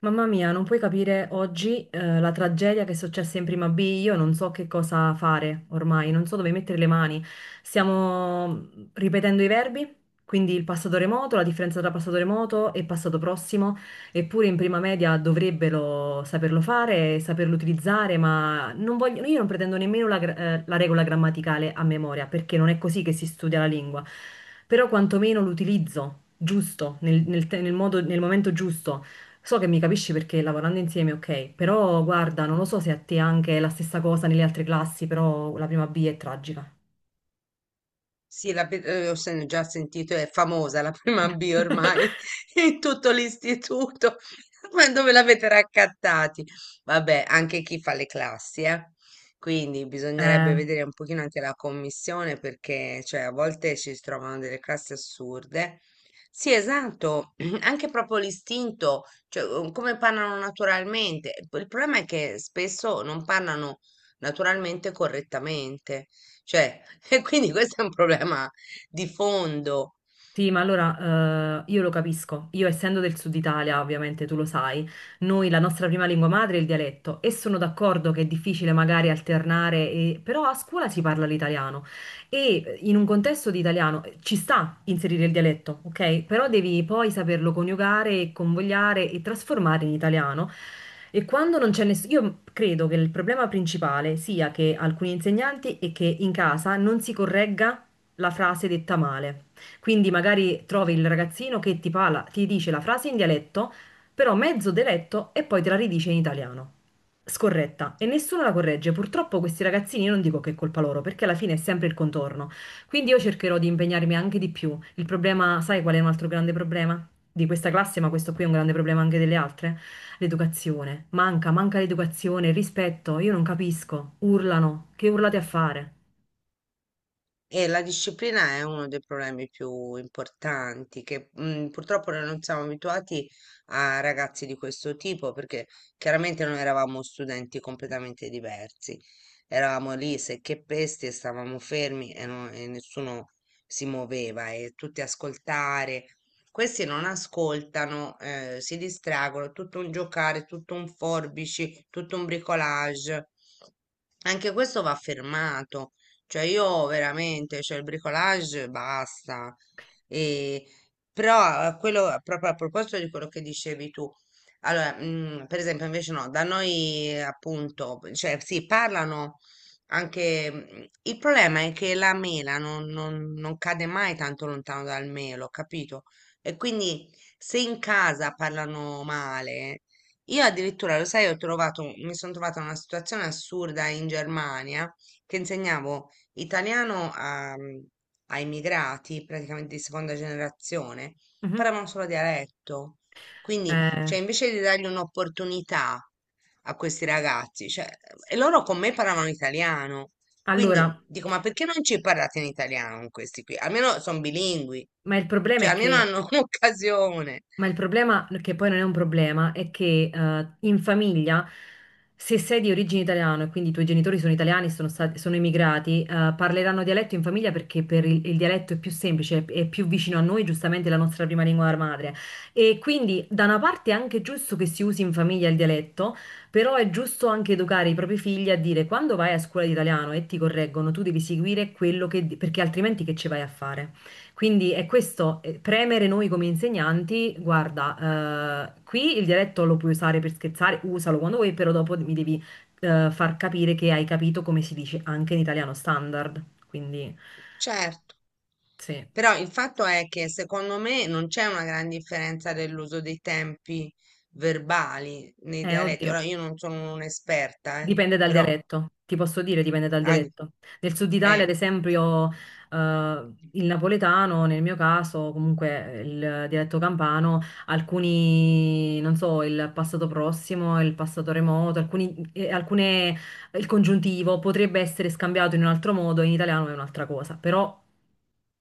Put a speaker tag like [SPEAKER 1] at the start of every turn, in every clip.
[SPEAKER 1] Mamma mia, non puoi capire oggi, la tragedia che è successa in prima B. Io non so che cosa fare ormai, non so dove mettere le mani. Stiamo ripetendo i verbi, quindi il passato remoto, la differenza tra passato remoto e passato prossimo, eppure in prima media dovrebbero saperlo fare, saperlo utilizzare, ma non voglio- io non pretendo nemmeno la, la regola grammaticale a memoria, perché non è così che si studia la lingua, però quantomeno l'utilizzo giusto, nel nel te- nel modo- nel momento giusto. So che mi capisci perché lavorando insieme, ok, però guarda, non lo so se a te anche è la stessa cosa nelle altre classi, però la prima B è tragica.
[SPEAKER 2] Sì, già sentito, è famosa la prima B ormai in tutto l'istituto. Ma dove l'avete raccattati? Vabbè, anche chi fa le classi, eh. Quindi bisognerebbe
[SPEAKER 1] Eh.
[SPEAKER 2] vedere un pochino anche la commissione perché cioè, a volte ci si trovano delle classi assurde. Sì, esatto, anche proprio l'istinto, cioè come parlano naturalmente. Il problema è che spesso non parlano naturalmente e correttamente. Cioè, e quindi questo è un problema di fondo.
[SPEAKER 1] Sì, ma allora, io lo capisco. Io essendo del sud Italia, ovviamente tu lo sai, noi la nostra prima lingua madre è il dialetto e sono d'accordo che è difficile magari alternare, però a scuola si parla l'italiano e in un contesto di italiano, ci sta inserire il dialetto, ok? Però devi poi saperlo coniugare, convogliare e trasformare in italiano. E quando non c'è nessuno, io credo che il problema principale sia che alcuni insegnanti e che in casa non si corregga la frase detta male. Quindi magari trovi il ragazzino che ti dice la frase in dialetto, però mezzo deletto e poi te la ridice in italiano. Scorretta. E nessuno la corregge. Purtroppo questi ragazzini, io non dico che è colpa loro, perché alla fine è sempre il contorno. Quindi io cercherò di impegnarmi anche di più. Il problema, sai qual è un altro grande problema? Di questa classe, ma questo qui è un grande problema anche delle altre? L'educazione. Manca, manca l'educazione, il rispetto. Io non capisco. Urlano. Che urlate a fare?
[SPEAKER 2] E la disciplina è uno dei problemi più importanti che purtroppo noi non siamo abituati a ragazzi di questo tipo perché chiaramente noi eravamo studenti completamente diversi. Eravamo lì secche e pesti e stavamo fermi e, e nessuno si muoveva e tutti ascoltare. Questi non ascoltano, si distraggono, tutto un giocare, tutto un forbici, tutto un bricolage. Anche questo va fermato, cioè io veramente, cioè il bricolage basta. E, però quello, proprio a proposito di quello che dicevi tu, allora, per esempio invece no, da noi appunto, cioè sì, parlano anche, mm, il problema è che la mela non cade mai tanto lontano dal melo, capito? E quindi se in casa parlano male, io addirittura, lo sai, ho trovato, mi sono trovata in una situazione assurda in Germania che insegnavo italiano a, a immigrati, praticamente di seconda generazione,
[SPEAKER 1] Mhm.
[SPEAKER 2] parlavano solo dialetto. Quindi,
[SPEAKER 1] Eh,
[SPEAKER 2] cioè, invece di dargli un'opportunità a questi ragazzi, cioè, e loro con me parlavano italiano.
[SPEAKER 1] allora,
[SPEAKER 2] Quindi dico, ma perché non ci parlate in italiano con questi qui? Almeno sono bilingui,
[SPEAKER 1] ma il problema
[SPEAKER 2] cioè
[SPEAKER 1] è
[SPEAKER 2] almeno
[SPEAKER 1] che
[SPEAKER 2] hanno un'occasione.
[SPEAKER 1] Ma il problema, che poi non è un problema, è che, in famiglia, se sei di origine italiana e quindi i tuoi genitori sono italiani, sono stati, sono emigrati, parleranno dialetto in famiglia perché per il dialetto è più semplice, è più vicino a noi, giustamente è la nostra prima lingua madre. E quindi da una parte è anche giusto che si usi in famiglia il dialetto, però è giusto anche educare i propri figli a dire quando vai a scuola di italiano e ti correggono, tu devi seguire quello che... perché altrimenti che ci vai a fare? Quindi è questo, premere noi come insegnanti, guarda, qui il dialetto lo puoi usare per scherzare, usalo quando vuoi, però dopo mi devi, far capire che hai capito come si dice anche in italiano standard. Quindi
[SPEAKER 2] Certo,
[SPEAKER 1] sì,
[SPEAKER 2] però il fatto è che secondo me non c'è una gran differenza dell'uso dei tempi verbali nei dialetti.
[SPEAKER 1] oddio.
[SPEAKER 2] Ora io non sono un'esperta,
[SPEAKER 1] Dipende dal
[SPEAKER 2] però
[SPEAKER 1] dialetto, ti posso dire, dipende dal
[SPEAKER 2] ah,
[SPEAKER 1] dialetto. Nel sud Italia, ad
[SPEAKER 2] eh,
[SPEAKER 1] esempio, il napoletano, nel mio caso, comunque, il dialetto campano, alcuni, non so, il passato prossimo, il passato remoto, alcuni, alcune, il congiuntivo potrebbe essere scambiato in un altro modo, in italiano è un'altra cosa, però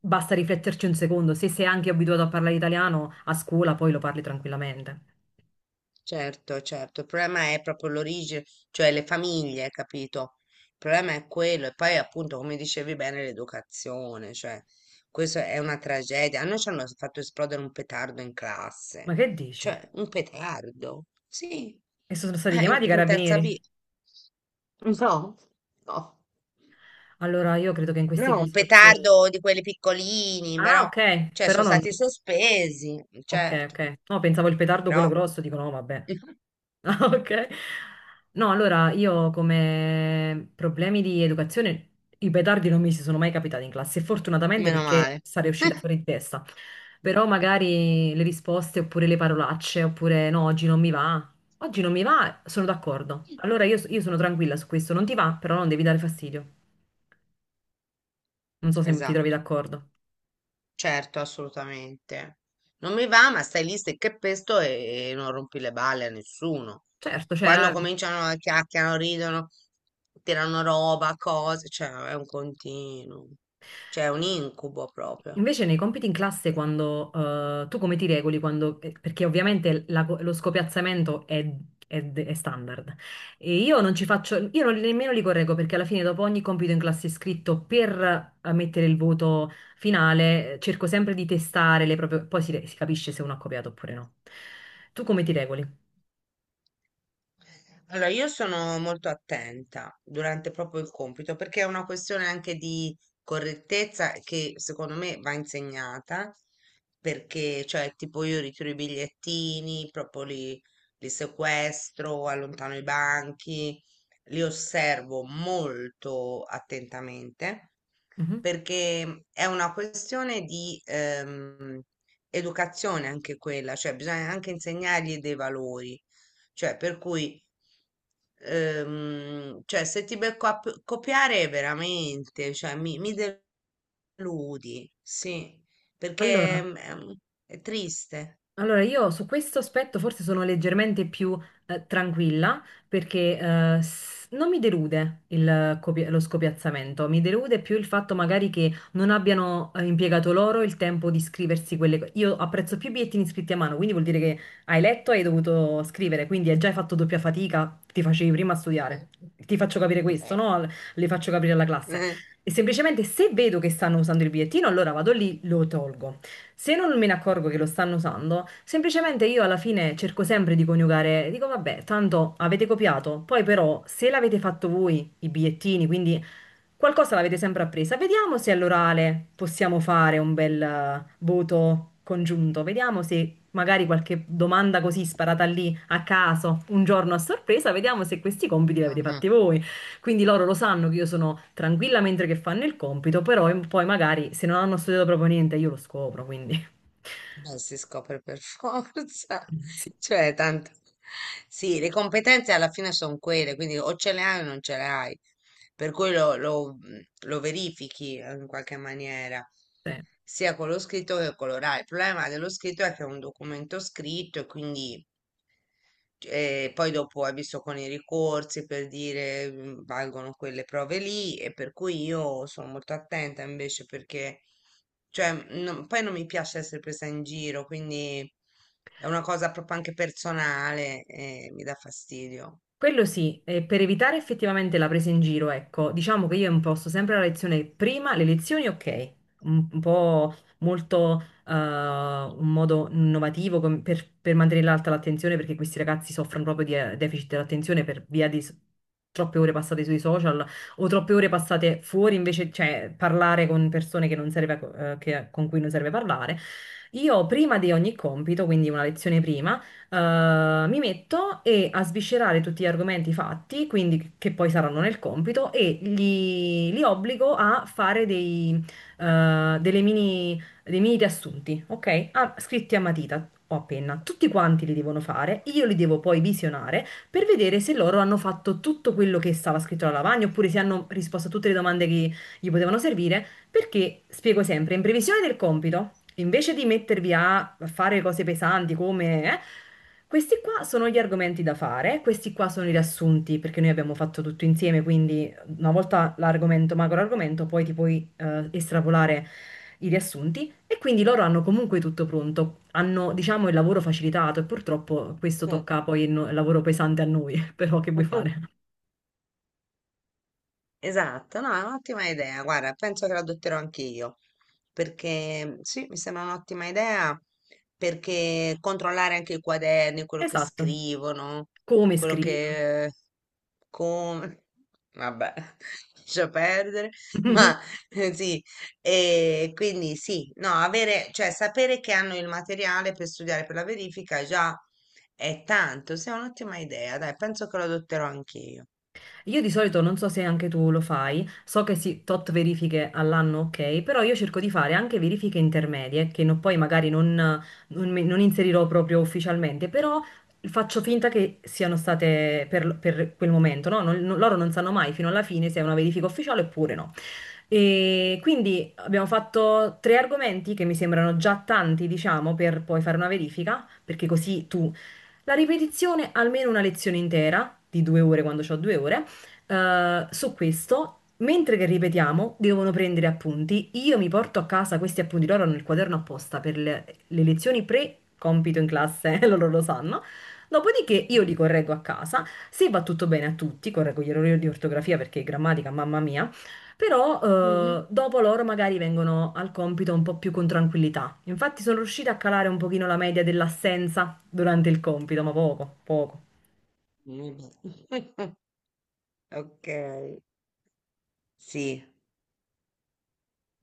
[SPEAKER 1] basta rifletterci un secondo, se sei anche abituato a parlare italiano a scuola, poi lo parli tranquillamente.
[SPEAKER 2] certo, certo, il problema è proprio l'origine, cioè le famiglie, capito? Il problema è quello e poi appunto, come dicevi bene, l'educazione, cioè questa è una tragedia. A noi ci hanno fatto esplodere un petardo in
[SPEAKER 1] Ma
[SPEAKER 2] classe,
[SPEAKER 1] che dici?
[SPEAKER 2] cioè un petardo, sì,
[SPEAKER 1] E sono stati
[SPEAKER 2] eh,
[SPEAKER 1] chiamati i
[SPEAKER 2] in terza B.
[SPEAKER 1] carabinieri?
[SPEAKER 2] No, no.
[SPEAKER 1] Allora, io credo che in queste
[SPEAKER 2] No, un
[SPEAKER 1] situazioni...
[SPEAKER 2] petardo di quelli piccolini,
[SPEAKER 1] Ah,
[SPEAKER 2] però,
[SPEAKER 1] ok,
[SPEAKER 2] cioè,
[SPEAKER 1] però
[SPEAKER 2] sono
[SPEAKER 1] non...
[SPEAKER 2] stati sospesi,
[SPEAKER 1] Ok,
[SPEAKER 2] certo,
[SPEAKER 1] ok. No, pensavo il petardo quello
[SPEAKER 2] però
[SPEAKER 1] grosso, dico no, vabbè. Ah, ok. No, allora, io come problemi di educazione, i petardi non mi si sono mai capitati in classe, fortunatamente
[SPEAKER 2] meno
[SPEAKER 1] perché
[SPEAKER 2] male.
[SPEAKER 1] sarei uscita fuori di testa. Però magari le risposte oppure le parolacce, oppure no, oggi non mi va. Oggi non mi va, sono d'accordo. Allora io sono tranquilla su questo, non ti va, però non devi dare fastidio. Non so se ti trovi
[SPEAKER 2] Esatto,
[SPEAKER 1] d'accordo.
[SPEAKER 2] certo, assolutamente. Non mi va, ma stai lì stai che pesto e non rompi le balle a nessuno.
[SPEAKER 1] Certo,
[SPEAKER 2] Quando
[SPEAKER 1] cioè...
[SPEAKER 2] cominciano a chiacchierano, ridono, tirano roba, cose, cioè è un continuo, cioè è un incubo proprio.
[SPEAKER 1] Invece nei compiti in classe, quando, tu come ti regoli? Quando, perché ovviamente lo scopiazzamento è, è standard. E io non ci faccio, io non- nemmeno li correggo perché alla fine dopo ogni compito in classe scritto per, mettere il voto finale, cerco sempre di testare le proprie, poi si capisce se uno ha copiato oppure no. Tu come ti regoli?
[SPEAKER 2] Allora, io sono molto attenta durante proprio il compito perché è una questione anche di correttezza che secondo me va insegnata perché, cioè, tipo io ritiro i bigliettini, proprio li, li sequestro, allontano i banchi, li osservo molto attentamente
[SPEAKER 1] Mhm.
[SPEAKER 2] perché è una questione di educazione anche quella, cioè bisogna anche insegnargli dei valori, cioè, per cui, cioè, se ti becco a copiare veramente, cioè, mi deludi, sì, perché
[SPEAKER 1] Allora,
[SPEAKER 2] è triste.
[SPEAKER 1] Allora, io su questo aspetto forse sono leggermente più, tranquilla perché, non mi delude il lo scopiazzamento, mi delude più il fatto magari che non abbiano, impiegato loro il tempo di scriversi quelle cose. Io apprezzo più i bigliettini scritti a mano, quindi vuol dire che hai letto e hai dovuto scrivere, quindi hai già fatto doppia fatica, ti facevi prima a studiare. Ti faccio capire questo,
[SPEAKER 2] Sì.
[SPEAKER 1] no? Le faccio capire alla classe. E semplicemente se vedo che stanno usando il bigliettino, allora vado lì, lo tolgo. Se non me ne accorgo che lo stanno usando, semplicemente io alla fine cerco sempre di coniugare, dico vabbè, tanto avete copiato, poi però se l'avete fatto voi i bigliettini, quindi qualcosa l'avete sempre appresa. Vediamo se all'orale possiamo fare un bel, voto congiunto. Vediamo se magari qualche domanda così sparata lì a caso, un giorno a sorpresa, vediamo se questi compiti li avete
[SPEAKER 2] Eh.
[SPEAKER 1] fatti voi. Quindi loro lo sanno che io sono tranquilla mentre che fanno il compito, però poi magari se non hanno studiato proprio niente io lo scopro, quindi
[SPEAKER 2] Ma si scopre per forza,
[SPEAKER 1] sì,
[SPEAKER 2] cioè tanto. Sì, le competenze alla fine sono quelle, quindi o ce le hai o non ce le hai, per cui lo verifichi in qualche maniera,
[SPEAKER 1] sì.
[SPEAKER 2] sia con lo scritto che con l'orale. Il problema dello scritto è che è un documento scritto e quindi poi dopo hai visto con i ricorsi per dire valgono quelle prove lì e per cui io sono molto attenta invece perché cioè, poi non mi piace essere presa in giro, quindi è una cosa proprio anche personale e mi dà fastidio.
[SPEAKER 1] Quello sì, per evitare effettivamente la presa in giro, ecco, diciamo che io imposto sempre la lezione prima, le lezioni ok, un po' molto, un modo innovativo per mantenere alta l'attenzione perché questi ragazzi soffrono proprio di, deficit dell'attenzione per via di troppe ore passate sui social o troppe ore passate fuori invece, cioè parlare con persone che non serve, con cui non serve parlare. Io prima di ogni compito, quindi una lezione prima, mi metto e a sviscerare tutti gli argomenti fatti, quindi che poi saranno nel compito, e li obbligo a fare dei, delle mini, dei mini riassunti, ok? Ah, scritti a matita o a penna. Tutti quanti li devono fare, io li devo poi visionare per vedere se loro hanno fatto tutto quello che stava scritto alla lavagna oppure se hanno risposto a tutte le domande che gli potevano servire. Perché, spiego sempre, in previsione del compito, invece di mettervi a fare cose pesanti come... questi qua sono gli argomenti da fare, questi qua sono i riassunti, perché noi abbiamo fatto tutto insieme, quindi una volta l'argomento, macro argomento, poi ti puoi, estrapolare i riassunti e quindi loro hanno comunque tutto pronto, hanno diciamo il lavoro facilitato e purtroppo questo
[SPEAKER 2] Eh.
[SPEAKER 1] tocca poi il, no- il lavoro pesante a noi, però che vuoi fare?
[SPEAKER 2] Esatto, no, è un'ottima idea. Guarda, penso che la adotterò anch'io, perché sì, mi sembra un'ottima idea, perché controllare anche i quaderni, quello che
[SPEAKER 1] Esatto,
[SPEAKER 2] scrivono,
[SPEAKER 1] come
[SPEAKER 2] quello
[SPEAKER 1] scrivi.
[SPEAKER 2] che... come... vabbè, lascia perdere. Ma sì, e quindi sì, no, avere, cioè sapere che hanno il materiale per studiare per la verifica già è tanto, sì, è un'ottima idea, dai, penso che lo adotterò anch'io.
[SPEAKER 1] Io di solito non so se anche tu lo fai, so che sì, tot verifiche all'anno, ok, però io cerco di fare anche verifiche intermedie, che no- poi magari non, non inserirò proprio ufficialmente, però faccio finta che siano state per quel momento, no? Loro non sanno mai fino alla fine se è una verifica ufficiale oppure no. E quindi abbiamo fatto tre argomenti che mi sembrano già tanti, diciamo, per poi fare una verifica, perché così tu la ripetizione, almeno una lezione intera, di 2 ore quando ho 2 ore, su questo, mentre che ripetiamo, devono prendere appunti. Io mi porto a casa questi appunti, loro hanno il quaderno apposta per le lezioni pre-compito in classe, loro lo sanno. Dopodiché io li
[SPEAKER 2] Mhm.
[SPEAKER 1] correggo a casa, se va tutto bene a tutti, correggo gli errori di ortografia perché grammatica, mamma mia, però,
[SPEAKER 2] Mhm.
[SPEAKER 1] dopo loro magari vengono al compito un po' più con tranquillità. Infatti sono riuscita a calare un pochino la media dell'assenza durante il compito, ma poco, poco.
[SPEAKER 2] Mm. Ok, sì,